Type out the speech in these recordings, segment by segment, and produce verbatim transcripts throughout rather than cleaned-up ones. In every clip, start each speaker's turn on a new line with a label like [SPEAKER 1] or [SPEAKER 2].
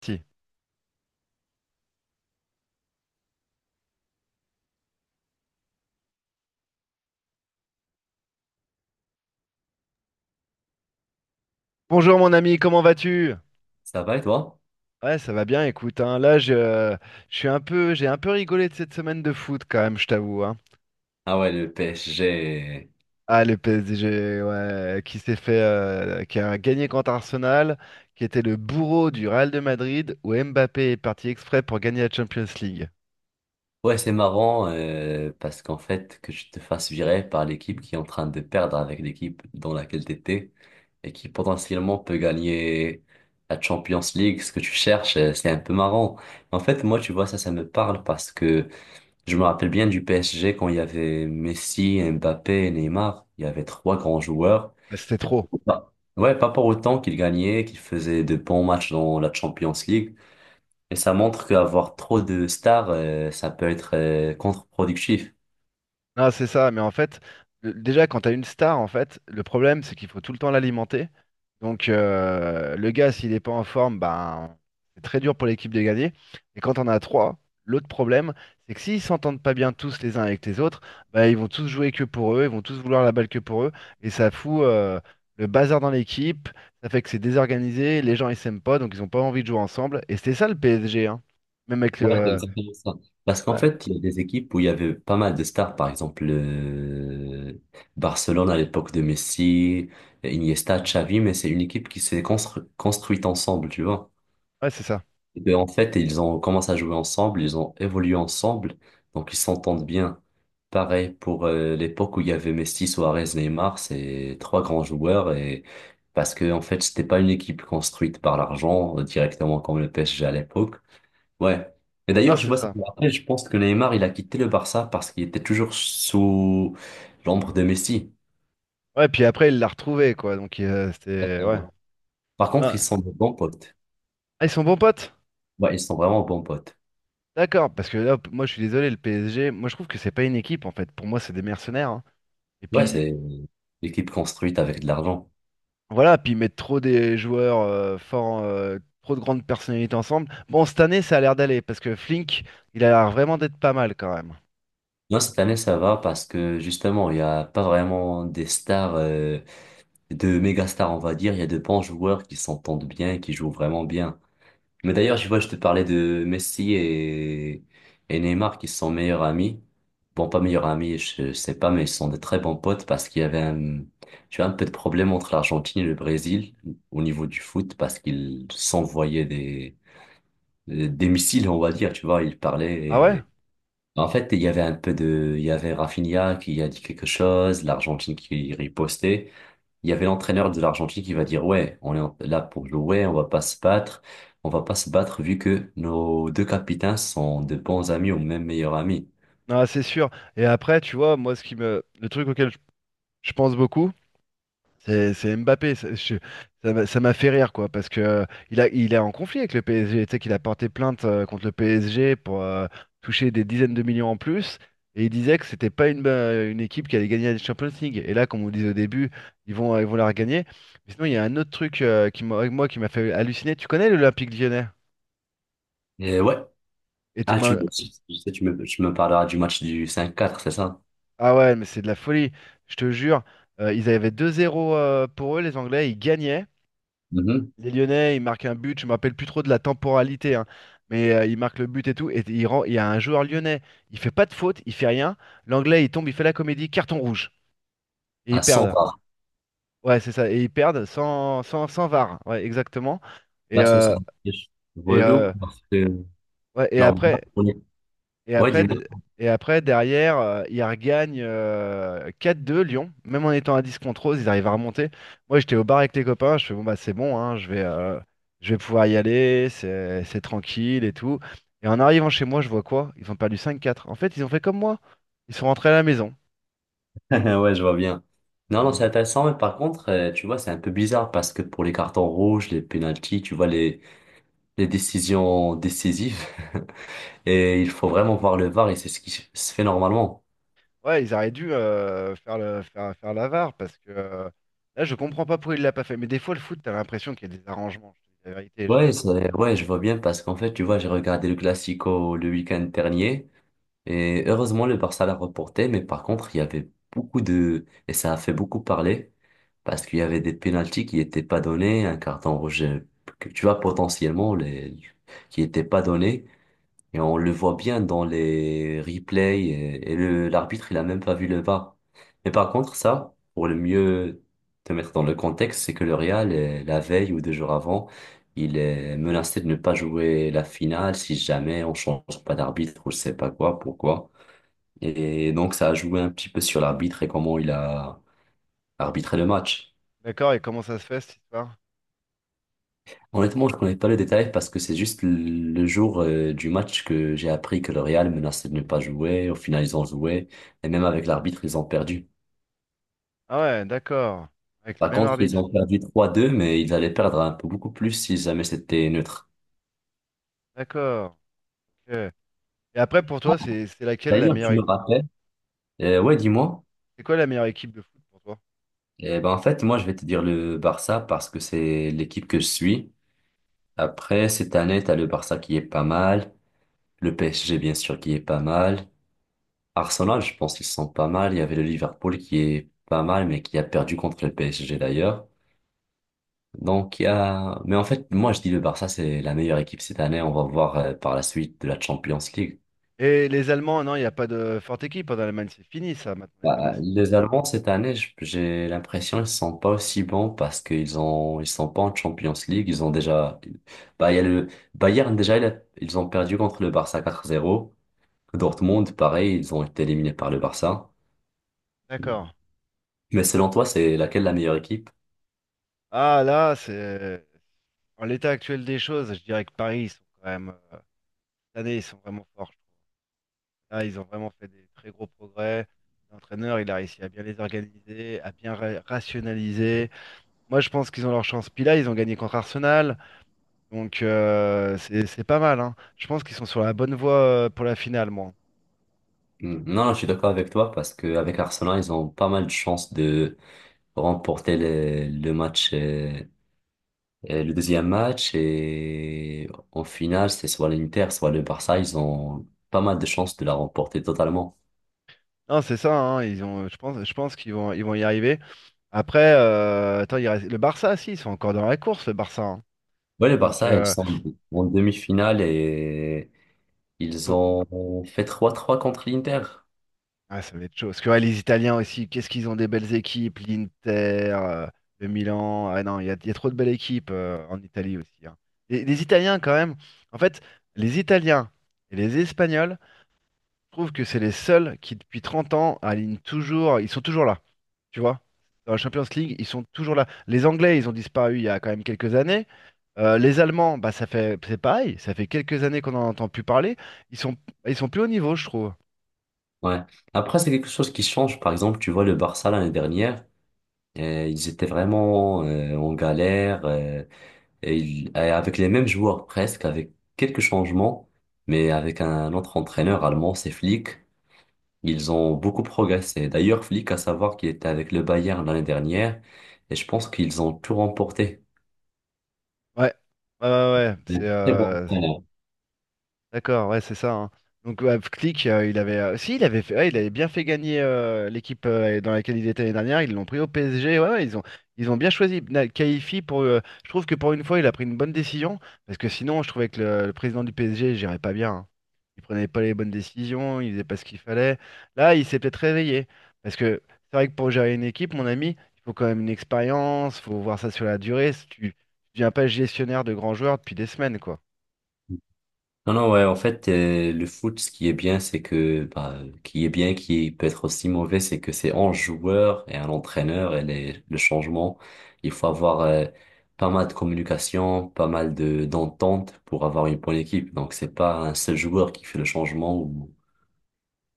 [SPEAKER 1] Si. Bonjour mon ami, comment vas-tu?
[SPEAKER 2] Ça va et toi?
[SPEAKER 1] Ouais, ça va bien, écoute, hein, là, je, je suis un peu, j'ai un peu rigolé de cette semaine de foot quand même, je t'avoue, hein.
[SPEAKER 2] Ah ouais, le P S G.
[SPEAKER 1] Ah, le P S G, ouais, qui s'est fait, euh, qui a gagné contre Arsenal, qui était le bourreau du Real de Madrid, où Mbappé est parti exprès pour gagner la Champions League.
[SPEAKER 2] Ouais, c'est marrant euh, parce qu'en fait, que tu te fasses virer par l'équipe qui est en train de perdre avec l'équipe dans laquelle t'étais et qui potentiellement peut gagner la Champions League, ce que tu cherches, euh, c'est un peu marrant. En fait, moi, tu vois, ça, ça me parle parce que je me rappelle bien du P S G quand il y avait Messi, Mbappé, Neymar. Il y avait trois grands joueurs.
[SPEAKER 1] Bah, c'était trop.
[SPEAKER 2] Bah, ouais, pas pour autant qu'ils gagnaient, qu'ils faisaient de bons matchs dans la Champions League. Et ça montre qu'avoir trop de stars, euh, ça peut être euh, contre-productif.
[SPEAKER 1] Ah, c'est ça, mais en fait, le- déjà quand t'as une star, en fait, le problème c'est qu'il faut tout le temps l'alimenter. Donc euh, le gars, s'il n'est pas en forme, ben c'est très dur pour l'équipe de gagner. Et quand on a trois, l'autre problème, c'est que s'ils s'entendent pas bien tous les uns avec les autres, ben, ils vont tous jouer que pour eux, ils vont tous vouloir la balle que pour eux, et ça fout euh, le bazar dans l'équipe, ça fait que c'est désorganisé, les gens ils s'aiment pas, donc ils ont pas envie de jouer ensemble. Et c'était ça le P S G, hein. Même avec
[SPEAKER 2] Ouais, c'est
[SPEAKER 1] le.
[SPEAKER 2] exactement ça. Parce qu'en
[SPEAKER 1] Ouais,
[SPEAKER 2] fait, il y a des équipes où il y avait pas mal de stars, par exemple euh, Barcelone à l'époque de Messi, Iniesta, Xavi, mais c'est une équipe qui s'est constru- construite ensemble, tu vois.
[SPEAKER 1] ouais, c'est ça.
[SPEAKER 2] Et ben, en fait, ils ont commencé à jouer ensemble, ils ont évolué ensemble, donc ils s'entendent bien. Pareil pour euh, l'époque où il y avait Messi, Suarez, Neymar, c'est trois grands joueurs et parce que en fait, c'était pas une équipe construite par l'argent euh, directement comme le P S G à l'époque. Ouais. Et
[SPEAKER 1] Ah,
[SPEAKER 2] d'ailleurs, je
[SPEAKER 1] c'est
[SPEAKER 2] vois ça
[SPEAKER 1] ça.
[SPEAKER 2] me rappelle, je pense que Neymar, il a quitté le Barça parce qu'il était toujours sous l'ombre de Messi.
[SPEAKER 1] Ouais, puis après, il l'a retrouvé, quoi. Donc, euh, c'était. Ouais.
[SPEAKER 2] Attends. Par contre, ils
[SPEAKER 1] Ah,
[SPEAKER 2] sont de bons potes.
[SPEAKER 1] ah, ils sont bons potes?
[SPEAKER 2] Ouais, ils sont vraiment bons potes.
[SPEAKER 1] D'accord, parce que là, p- moi, je suis désolé, le P S G, moi, je trouve que c'est pas une équipe, en fait. Pour moi, c'est des mercenaires, hein. Et
[SPEAKER 2] Ouais,
[SPEAKER 1] puis,
[SPEAKER 2] c'est l'équipe construite avec de l'argent.
[SPEAKER 1] voilà, puis ils mettent trop des joueurs euh, forts, euh, trop de grandes personnalités ensemble. Bon, cette année, ça a l'air d'aller, parce que Flink, il a l'air vraiment d'être pas mal, quand même.
[SPEAKER 2] Non, cette année, ça va parce que justement, il n'y a pas vraiment des stars, euh, de méga stars, on va dire. Il y a de bons joueurs qui s'entendent bien, et qui jouent vraiment bien. Mais d'ailleurs, je vois, je te parlais de Messi et, et Neymar qui sont meilleurs amis. Bon, pas meilleurs amis, je sais pas, mais ils sont de très bons potes parce qu'il y avait un, tu vois, un peu de problème entre l'Argentine et le Brésil au niveau du foot parce qu'ils s'envoyaient des, des missiles, on va dire, tu vois, ils parlaient.
[SPEAKER 1] Ah ouais?
[SPEAKER 2] Et en fait, il y avait un peu de, il y avait Rafinha qui a dit quelque chose, l'Argentine qui ripostait. Il y avait l'entraîneur de l'Argentine qui va dire, ouais, on est en- là pour jouer, on va pas se battre, on va pas se battre vu que nos deux capitaines sont de bons amis ou même meilleurs amis.
[SPEAKER 1] Non, c'est sûr. Et après, tu vois, moi, ce qui me. Le truc auquel je je pense beaucoup. C'est c'est Mbappé, ça je- ça m'a ça m'a fait rire quoi, parce que euh, il a, il est en conflit avec le P S G, tu sais qu'il a porté plainte euh, contre le P S G pour euh, toucher des dizaines de millions en plus, et il disait que c'était pas une, euh, une équipe qui allait gagner la Champions League. Et là, comme on disait au début, ils vont, ils vont la regagner. Mais sinon, il y a un autre truc euh, qui m'a, moi, qui m'a fait halluciner. Tu connais l'Olympique Lyonnais?
[SPEAKER 2] Et ouais.
[SPEAKER 1] Et tu,
[SPEAKER 2] Ah, tu,
[SPEAKER 1] ben,
[SPEAKER 2] je sais, tu me, tu me parleras du match du cinq quatre, c'est ça?
[SPEAKER 1] ah ouais, mais c'est de la folie, je te jure. Euh, ils avaient deux zéro euh, pour eux, les Anglais, ils gagnaient.
[SPEAKER 2] Mhm.
[SPEAKER 1] Les Lyonnais, ils marquent un but, je me rappelle plus trop de la temporalité, hein, mais euh, ils marquent le but et tout, et il rend- il y a un joueur lyonnais, il fait pas de faute, il fait rien, l'anglais il tombe, il fait la comédie, carton rouge, et ils
[SPEAKER 2] À cent
[SPEAKER 1] perdent.
[SPEAKER 2] bars.
[SPEAKER 1] Ouais, c'est ça, et ils perdent sans, sans, sans V A R, ouais, exactement. Et,
[SPEAKER 2] Là, c'est ça.
[SPEAKER 1] euh, et,
[SPEAKER 2] Relou
[SPEAKER 1] euh,
[SPEAKER 2] parce que,
[SPEAKER 1] ouais, et après,
[SPEAKER 2] normalement, on est,
[SPEAKER 1] Et
[SPEAKER 2] ouais,
[SPEAKER 1] après,
[SPEAKER 2] dis-moi.
[SPEAKER 1] de- et après derrière, euh, ils regagnent euh, quatre deux Lyon. Même en étant à dix contre onze, ils arrivent à remonter. Moi, j'étais au bar avec les copains. Je fais, bon, bah, c'est bon, hein, je vais, euh, je vais pouvoir y aller. C'est c'est tranquille et tout. Et en arrivant chez moi, je vois quoi? Ils ont perdu cinq quatre. En fait, ils ont fait comme moi. Ils sont rentrés à la maison.
[SPEAKER 2] Ouais, je vois bien. Non, non, c'est intéressant, mais par contre, euh, tu vois, c'est un peu bizarre parce que pour les cartons rouges, les pénaltys, tu vois, les, les décisions décisives, et il faut vraiment voir le V A R et c'est ce qui se fait normalement.
[SPEAKER 1] Ouais, ils auraient dû euh, faire le, faire, faire la V A R parce que euh, là, je comprends pas pourquoi il l'a pas fait. Mais des fois, le foot, t'as l'impression qu'il y a des arrangements. Je te dis la vérité, j'ai.
[SPEAKER 2] Ouais, c'est- ouais, je vois bien parce qu'en fait, tu vois, j'ai regardé le Classico le week-end dernier et heureusement, le Barça l'a reporté, mais par contre, il y avait beaucoup de, et ça a fait beaucoup parler parce qu'il y avait des pénaltys qui n'étaient pas donnés, un carton rouge, euh, que tu vois, potentiellement, les, qui n'étaient pas donnés. Et on le voit bien dans les replays et, et le, l'arbitre, il a même pas vu le V A R. Mais par contre, ça, pour le mieux te mettre dans le contexte, c'est que le Real, euh, la veille ou deux jours avant, il est menacé de ne pas jouer la finale si jamais on change pas d'arbitre ou je sais pas quoi, pourquoi. Et donc, ça a joué un petit peu sur l'arbitre et comment il a arbitré le match.
[SPEAKER 1] D'accord, et comment ça se fait cette histoire?
[SPEAKER 2] Honnêtement, je connais pas le détail parce que c'est juste le le jour euh, du match que j'ai appris que le Real menaçait de ne pas jouer. Au final, ils ont joué. Et même avec l'arbitre, ils ont perdu.
[SPEAKER 1] Ah ouais, d'accord. Avec le
[SPEAKER 2] Par
[SPEAKER 1] même
[SPEAKER 2] contre, ils
[SPEAKER 1] arbitre.
[SPEAKER 2] ont perdu trois deux, mais ils allaient perdre un peu beaucoup plus si jamais c'était neutre.
[SPEAKER 1] D'accord. Ok. Et après, pour toi, c'est c'est laquelle la
[SPEAKER 2] D'ailleurs,
[SPEAKER 1] meilleure...
[SPEAKER 2] tu me
[SPEAKER 1] é-
[SPEAKER 2] rappelles? Euh, ouais, dis-moi.
[SPEAKER 1] C'est quoi la meilleure équipe de foot pour toi?
[SPEAKER 2] Eh ben, en fait, moi, je vais te dire le Barça parce que c'est l'équipe que je suis. Après, cette année, t'as le Barça qui est pas mal. Le P S G, bien sûr, qui est pas mal. Arsenal, je pense qu'ils sont pas mal. Il y avait le Liverpool qui est pas mal, mais qui a perdu contre le P S G d'ailleurs. Donc il y a... Mais en fait, moi je dis le Barça, c'est la meilleure équipe cette année. On va voir euh, par la suite de la Champions League.
[SPEAKER 1] Et les Allemands, non, il n'y a pas de forte équipe hein, dans l'Allemagne. C'est fini, ça, maintenant, les Allemands.
[SPEAKER 2] Bah,
[SPEAKER 1] c'est-
[SPEAKER 2] les Allemands cette année, je- j'ai l'impression ils sont pas aussi bons parce qu'ils ont ils sont pas en Champions League. Ils ont déjà... Bah, il y a le Bayern déjà, il a- ils ont perdu contre le Barça quatre zéro. Dortmund, pareil, ils ont été éliminés par le Barça.
[SPEAKER 1] D'accord.
[SPEAKER 2] Mais selon toi, c'est laquelle la meilleure équipe?
[SPEAKER 1] Ah, là, c'est... En l'état actuel des choses, je dirais que Paris, ils sont quand même... euh, Cette année, ils sont vraiment forts, je trouve. Là, ils ont vraiment fait des très gros progrès. L'entraîneur, il a réussi à bien les organiser, à bien ra- rationaliser. Moi, je pense qu'ils ont leur chance. Puis là, ils ont gagné contre Arsenal. Donc euh, c'est c'est pas mal, hein. Je pense qu'ils sont sur la bonne voie euh, pour la finale, moi.
[SPEAKER 2] Mm. Non, non, je suis d'accord avec toi parce que avec Arsenal, ils ont pas mal de chances de remporter le, le match, euh, euh, le deuxième match et en finale, c'est soit l'Inter, soit le Barça, ils ont pas mal de chances de la remporter totalement.
[SPEAKER 1] Non, c'est ça, hein, ils ont, je pense, je pense qu'ils vont, ils vont, y arriver. Après, euh, attends, il reste- le Barça, si, ils sont encore dans la course, le Barça, hein.
[SPEAKER 2] Ouais, le
[SPEAKER 1] Donc,
[SPEAKER 2] Barça, ils
[SPEAKER 1] euh,
[SPEAKER 2] sont en demi-finale et ils
[SPEAKER 1] co-
[SPEAKER 2] ont fait trois trois contre l'Inter.
[SPEAKER 1] ah, ça va être chaud. Parce que ouais, les Italiens aussi, qu'est-ce qu'ils ont des belles équipes, l'Inter, euh, le Milan. Ah non, il y a, il y a trop de belles équipes euh, en Italie aussi, hein. Et les Italiens, quand même, en fait, les Italiens et les Espagnols, je trouve que c'est les seuls qui, depuis trente ans, alignent toujours, ils sont toujours là. Tu vois? Dans la Champions League, ils sont toujours là. Les Anglais, ils ont disparu il y a quand même quelques années. Euh, les Allemands, bah ça fait c'est pareil, ça fait quelques années qu'on n'en entend plus parler. Ils sont ils sont plus au niveau, je trouve.
[SPEAKER 2] Ouais. Après, c'est quelque chose qui change. Par exemple, tu vois le Barça l'année dernière, euh, ils étaient vraiment euh, en galère. euh, Et il- et avec les mêmes joueurs presque, avec quelques changements, mais avec un autre entraîneur allemand, c'est Flick. Ils ont beaucoup progressé. D'ailleurs, Flick, à savoir qu'il était avec le Bayern l'année dernière, et je pense qu'ils ont tout remporté.
[SPEAKER 1] Ouais, ouais, ouais, ouais. C'est
[SPEAKER 2] Très bon
[SPEAKER 1] euh,
[SPEAKER 2] entraîneur.
[SPEAKER 1] D'accord, ouais, c'est ça, hein. Donc ouais, Flick, euh, il avait, euh, si, il avait fait, ouais, il avait bien fait gagner euh, l'équipe euh, dans laquelle il était l'année dernière. Ils l'ont pris au P S G. Ouais, ouais, ils ont, ils ont bien choisi Na- Kaifi pour. euh, Je trouve que pour une fois, il a pris une bonne décision parce que sinon, je trouvais que le, le président du P S G, il gérait pas bien, hein. Il prenait pas les bonnes décisions, il faisait pas ce qu'il fallait. Là, il s'est peut-être réveillé parce que c'est vrai que pour gérer une équipe, mon ami, il faut quand même une expérience, faut voir ça sur la durée. Si Tu, tu deviens pas gestionnaire de grands joueurs depuis des semaines, quoi.
[SPEAKER 2] Non, non, ouais, en fait, euh, le foot, ce qui est bien, c'est que, bah, qui est bien, qui peut être aussi mauvais, c'est que c'est un joueur et un entraîneur et les, le changement. Il faut avoir euh, pas mal de communication, pas mal de d'entente pour avoir une bonne équipe. Donc, c'est pas un seul joueur qui fait le changement ou...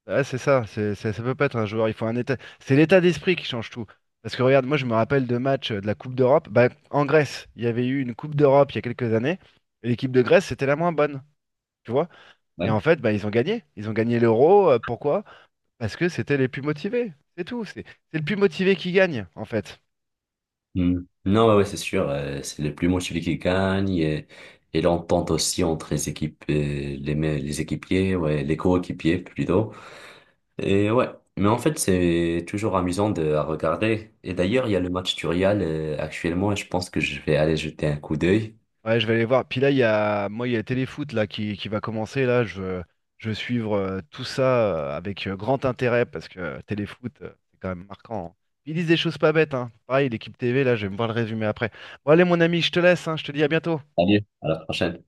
[SPEAKER 1] Ouais, c'est ça, c'est, c'est- ça peut pas être un joueur, il faut un état. C'est l'état d'esprit qui change tout. Parce que regarde, moi je me rappelle de matchs euh, de la Coupe d'Europe. Bah, en Grèce, il y avait eu une Coupe d'Europe il y a quelques années, et l'équipe de Grèce, c'était la moins bonne, tu vois. Et
[SPEAKER 2] Ouais.
[SPEAKER 1] en fait, bah, ils ont gagné. Ils ont gagné l'Euro. Euh, pourquoi? Parce que c'était les plus motivés. C'est tout. C'est c'est le plus motivé qui gagne, en fait.
[SPEAKER 2] Hmm. Non, ouais, ouais, c'est sûr, euh, c'est le plus motivé qui gagne et, et l'entente aussi entre les équipes, euh, les, me- les équipiers, ouais, les coéquipiers plutôt. Et ouais, mais en fait, c'est toujours amusant de, à regarder. Et d'ailleurs, il y a le match du Real euh, actuellement et je pense que je vais aller jeter un coup d'œil.
[SPEAKER 1] Ouais, je vais aller voir. Puis là, il y a, moi, il y a le Téléfoot là qui, qui va commencer. Là, je veux, je veux suivre euh, tout ça euh, avec euh, grand intérêt parce que euh, Téléfoot, euh, c'est quand même marquant, hein. Ils disent des choses pas bêtes, hein. Pareil, l'équipe T V, là, je vais me voir le résumé après. Bon, allez, mon ami, je te laisse, hein, je te dis à bientôt.
[SPEAKER 2] Allez, à la prochaine.